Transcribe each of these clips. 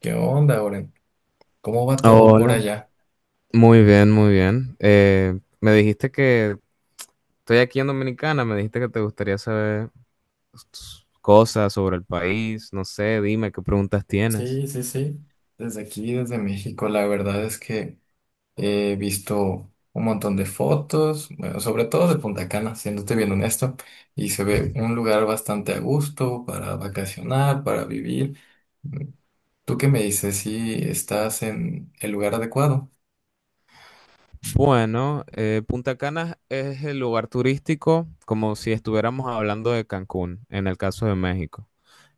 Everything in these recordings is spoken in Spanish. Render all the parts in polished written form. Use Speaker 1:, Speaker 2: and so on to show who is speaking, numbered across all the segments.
Speaker 1: ¿Qué onda, Oren? ¿Cómo va todo por
Speaker 2: Hola,
Speaker 1: allá?
Speaker 2: muy bien, muy bien. Me dijiste que estoy aquí en Dominicana, me dijiste que te gustaría saber cosas sobre el país, no sé, dime qué preguntas tienes.
Speaker 1: Sí, sí, sí. Desde aquí, desde México, la verdad es que he visto un montón de fotos, bueno, sobre todo de Punta Cana, siéndote bien honesto, y se ve un lugar bastante a gusto para vacacionar, para vivir. ¿Tú qué me dices? ¿Si ¿estás en el lugar adecuado?
Speaker 2: Bueno, Punta Cana es el lugar turístico como si estuviéramos hablando de Cancún, en el caso de México.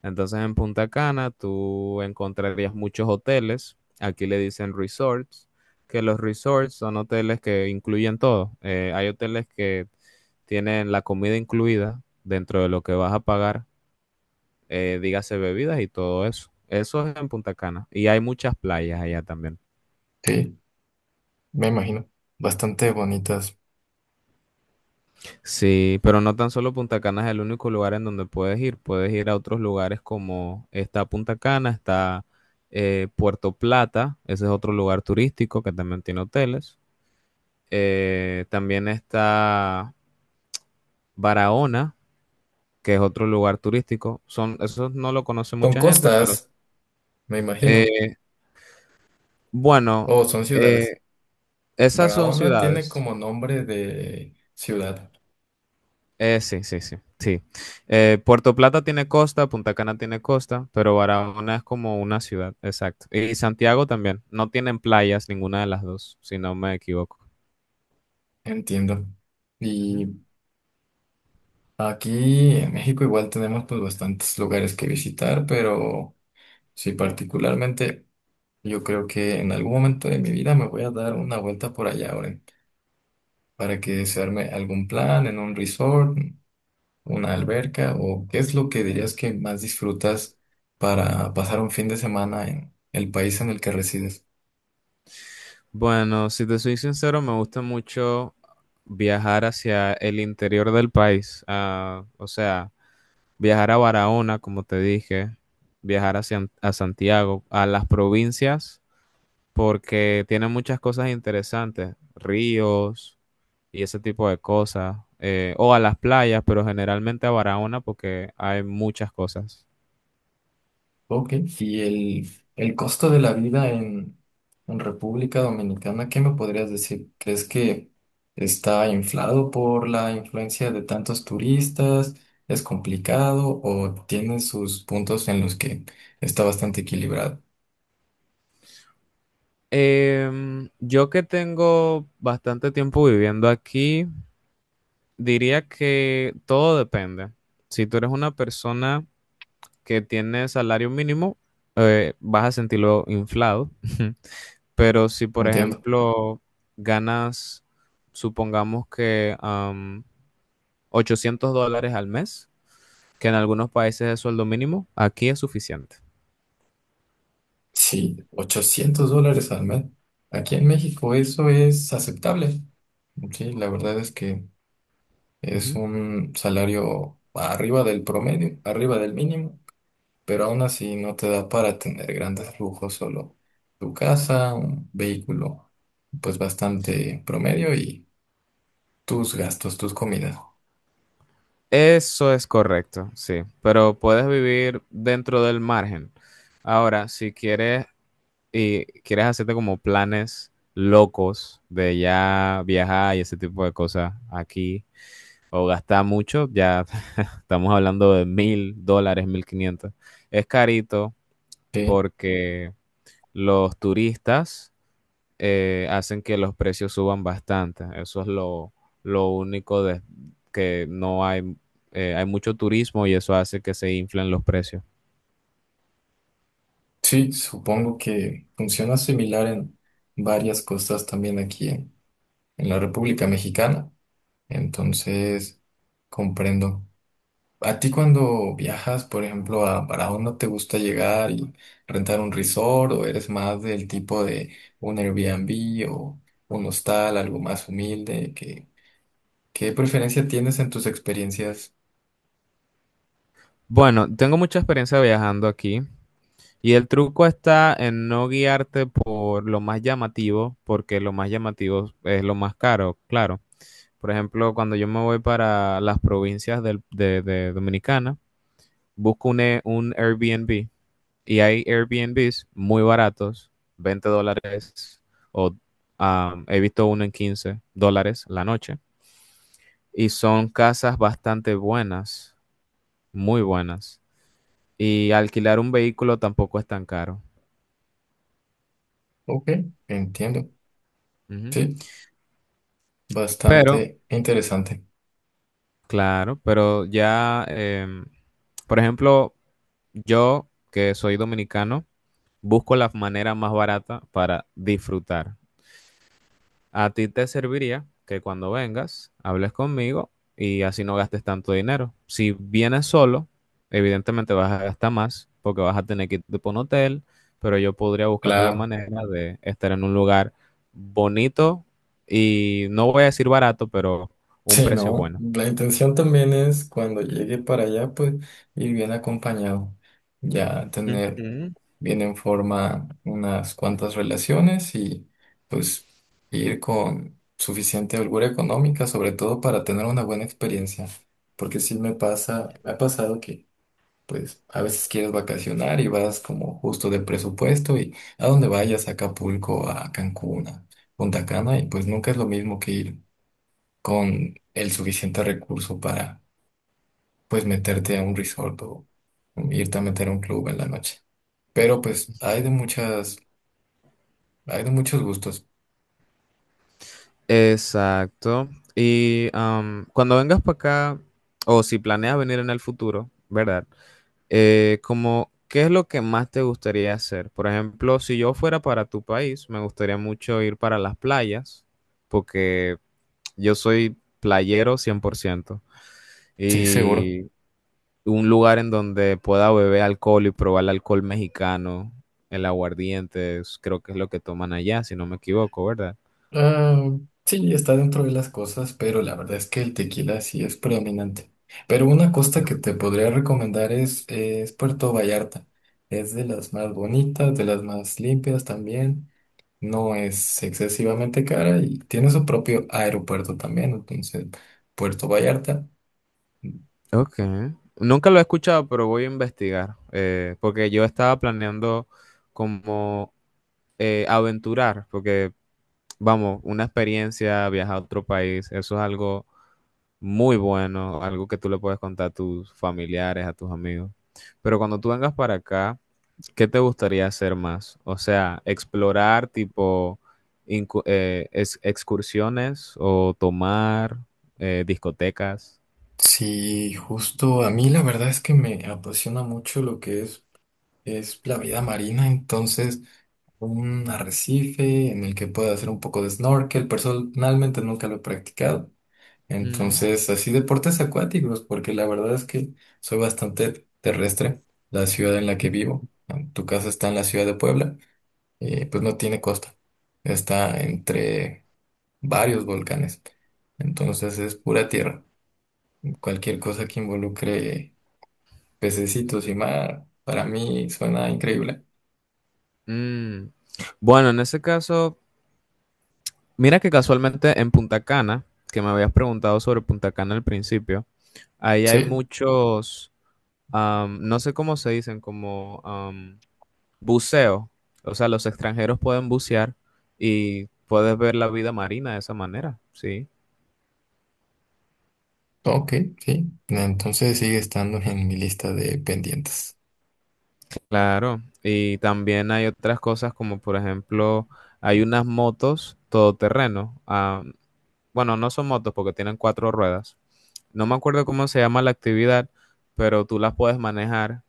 Speaker 2: Entonces en Punta Cana tú encontrarías muchos hoteles, aquí le dicen resorts, que los resorts son hoteles que incluyen todo. Hay hoteles que tienen la comida incluida dentro de lo que vas a pagar, dígase bebidas y todo eso. Eso es en Punta Cana y hay muchas playas allá también.
Speaker 1: Sí, me imagino. Bastante bonitas.
Speaker 2: Sí, pero no tan solo Punta Cana es el único lugar en donde puedes ir. Puedes ir a otros lugares como está Punta Cana, está Puerto Plata, ese es otro lugar turístico que también tiene hoteles. También está Barahona, que es otro lugar turístico. Son, esos no lo conoce
Speaker 1: ¿Son
Speaker 2: mucha gente, pero
Speaker 1: costas, me imagino,
Speaker 2: eh, bueno,
Speaker 1: o son ciudades?
Speaker 2: eh, esas son
Speaker 1: Barahona tiene
Speaker 2: ciudades.
Speaker 1: como nombre de ciudad.
Speaker 2: Sí, sí, sí, sí. Puerto Plata tiene costa, Punta Cana tiene costa, pero Barahona es como una ciudad, exacto. Y Santiago también. No tienen playas ninguna de las dos, si no me equivoco.
Speaker 1: Entiendo.
Speaker 2: Ujú.
Speaker 1: Y aquí en México igual tenemos pues bastantes lugares que visitar, pero sí, particularmente yo creo que en algún momento de mi vida me voy a dar una vuelta por allá, Oren, para que se arme algún plan en un resort, una alberca. ¿O qué es lo que dirías que más disfrutas para pasar un fin de semana en el país en el que resides?
Speaker 2: Bueno, si te soy sincero, me gusta mucho viajar hacia el interior del país. Ah, o sea, viajar a Barahona, como te dije, viajar hacia, a Santiago, a las provincias, porque tiene muchas cosas interesantes, ríos y ese tipo de cosas, o a las playas, pero generalmente a Barahona porque hay muchas cosas.
Speaker 1: Ok, y el costo de la vida en República Dominicana, ¿qué me podrías decir? ¿Crees que está inflado por la influencia de tantos turistas? ¿Es complicado o tiene sus puntos en los que está bastante equilibrado?
Speaker 2: Yo que tengo bastante tiempo viviendo aquí, diría que todo depende. Si tú eres una persona que tiene salario mínimo, vas a sentirlo inflado. Pero si,
Speaker 1: No
Speaker 2: por
Speaker 1: entiendo.
Speaker 2: ejemplo, ganas, supongamos que $800 al mes, que en algunos países es sueldo mínimo, aquí es suficiente.
Speaker 1: Sí, $800 al mes. Aquí en México eso es aceptable. Sí, la verdad es que es
Speaker 2: Ujú.
Speaker 1: un salario arriba del promedio, arriba del mínimo. Pero aún así no te da para tener grandes lujos, solo tu casa, un vehículo, pues bastante promedio, y tus gastos, tus comidas.
Speaker 2: Eso es correcto, sí, pero puedes vivir dentro del margen. Ahora, si quieres y quieres hacerte como planes locos de ya viajar y ese tipo de cosas aquí o gastar mucho, ya estamos hablando de $1,000, 1,500. Es carito
Speaker 1: Sí,
Speaker 2: porque los turistas hacen que los precios suban bastante. Eso es lo único de que no hay, hay mucho turismo y eso hace que se inflen los precios.
Speaker 1: sí, supongo que funciona similar en varias costas también aquí en la República Mexicana, entonces comprendo. ¿A ti cuando viajas, por ejemplo, a Barahona, no te gusta llegar y rentar un resort, o eres más del tipo de un Airbnb o un hostal, algo más humilde? ¿Qué, qué preferencia tienes en tus experiencias?
Speaker 2: Bueno, tengo mucha experiencia viajando aquí y el truco está en no guiarte por lo más llamativo, porque lo más llamativo es lo más caro, claro. Por ejemplo, cuando yo me voy para las provincias de Dominicana, busco un, un Airbnb. Y hay Airbnbs muy baratos, $20, o he visto uno en $15 la noche. Y son casas bastante buenas, muy buenas. Y alquilar un vehículo tampoco es tan caro.
Speaker 1: Ok, entiendo.
Speaker 2: Ujú.
Speaker 1: Sí,
Speaker 2: Pero,
Speaker 1: bastante interesante.
Speaker 2: claro, pero ya, por ejemplo, yo que soy dominicano, busco la manera más barata para disfrutar. A ti te serviría que cuando vengas hables conmigo y así no gastes tanto dinero. Si vienes solo, evidentemente vas a gastar más porque vas a tener que irte por un hotel, pero yo podría buscarte la
Speaker 1: Claro.
Speaker 2: manera de estar en un lugar bonito y no voy a decir barato, pero un
Speaker 1: Sí,
Speaker 2: precio
Speaker 1: no,
Speaker 2: bueno.
Speaker 1: la intención también es cuando llegue para allá, pues ir bien acompañado, ya tener
Speaker 2: Ujú.
Speaker 1: bien en forma unas cuantas relaciones, y pues ir con suficiente holgura económica, sobre todo para tener una buena experiencia, porque sí me pasa, me ha pasado que pues a veces quieres vacacionar y vas como justo de presupuesto, y a donde vayas, a Acapulco, a Cancún, a Punta Cana, y pues nunca es lo mismo que ir con el suficiente recurso para pues meterte a un resort o irte a meter a un club en la noche. Pero pues hay de muchas, hay de muchos gustos.
Speaker 2: Exacto. Y cuando vengas para acá, o si planeas venir en el futuro, ¿verdad? ¿Qué es lo que más te gustaría hacer? Por ejemplo, si yo fuera para tu país, me gustaría mucho ir para las playas, porque yo soy playero 100%
Speaker 1: Sí, seguro.
Speaker 2: y un lugar en donde pueda beber alcohol y probar el alcohol mexicano, el aguardiente, creo que es lo que toman allá, si no me equivoco, ¿verdad?
Speaker 1: Ah, sí, está dentro de las cosas, pero la verdad es que el tequila sí es predominante. Pero una costa que te podría recomendar es Puerto Vallarta. Es de las más bonitas, de las más limpias también. No es excesivamente cara y tiene su propio aeropuerto también. Entonces, Puerto Vallarta.
Speaker 2: Ok. Nunca lo he escuchado, pero voy a investigar, porque yo estaba planeando como aventurar, porque vamos, una experiencia, viajar a otro país, eso es algo muy bueno, algo que tú le puedes contar a tus familiares, a tus amigos. Pero cuando tú vengas para acá, ¿qué te gustaría hacer más? O sea, explorar tipo excursiones o tomar discotecas.
Speaker 1: Sí, justo a mí la verdad es que me apasiona mucho lo que es la vida marina, entonces un arrecife en el que pueda hacer un poco de snorkel. Personalmente nunca lo he practicado.
Speaker 2: Mm.
Speaker 1: Entonces, así deportes acuáticos, porque la verdad es que soy bastante terrestre. La ciudad en la que vivo, en tu casa está en la ciudad de Puebla, pues no tiene costa. Está entre varios volcanes. Entonces es pura tierra. Cualquier cosa que involucre pececitos y mar, para mí suena increíble.
Speaker 2: Mm. Bueno, en ese caso, mira que casualmente en Punta Cana, que me habías preguntado sobre Punta Cana al principio, ahí hay
Speaker 1: Sí,
Speaker 2: muchos no sé cómo se dicen, como buceo. O sea, los extranjeros pueden bucear y puedes ver la vida marina de esa manera, sí,
Speaker 1: ok, sí. Entonces sigue estando en mi lista de pendientes.
Speaker 2: claro. Y también hay otras cosas como, por ejemplo, hay unas motos todoterreno. Bueno, no son motos porque tienen cuatro ruedas. No me acuerdo cómo se llama la actividad, pero tú las puedes manejar,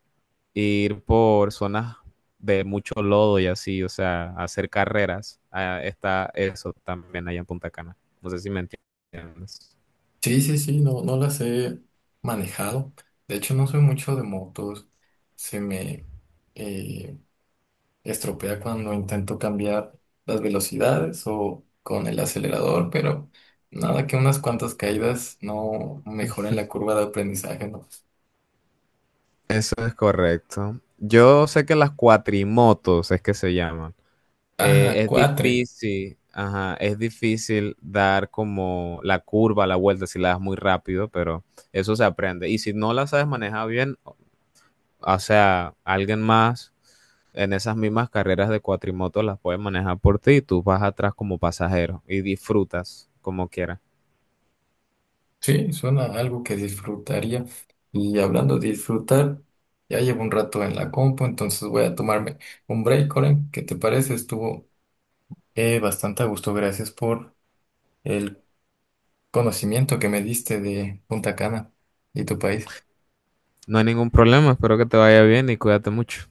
Speaker 2: ir por zonas de mucho lodo y así, o sea, hacer carreras. Ah, está eso también allá en Punta Cana. No sé si me entiendes.
Speaker 1: Sí, sí, sí, no, no las he manejado. De hecho, no soy mucho de motos. Se me eh, estropea cuando intento cambiar las velocidades o con el acelerador, pero nada que unas cuantas caídas no mejoren la curva de aprendizaje, ¿no?
Speaker 2: Eso es correcto. Yo sé que las cuatrimotos es que se llaman.
Speaker 1: Ah,
Speaker 2: Es
Speaker 1: cuatre.
Speaker 2: difícil, ajá, es difícil dar como la curva, la vuelta si la das muy rápido, pero eso se aprende. Y si no la sabes manejar bien, o sea, alguien más en esas mismas carreras de cuatrimoto las puede manejar por ti y tú vas atrás como pasajero y disfrutas como quieras.
Speaker 1: Sí, suena a algo que disfrutaría. Y hablando de disfrutar, ya llevo un rato en la compu, entonces voy a tomarme un break, Oren. ¿Qué te parece? Estuvo bastante a gusto. Gracias por el conocimiento que me diste de Punta Cana y tu país.
Speaker 2: No hay ningún problema, espero que te vaya bien y cuídate mucho.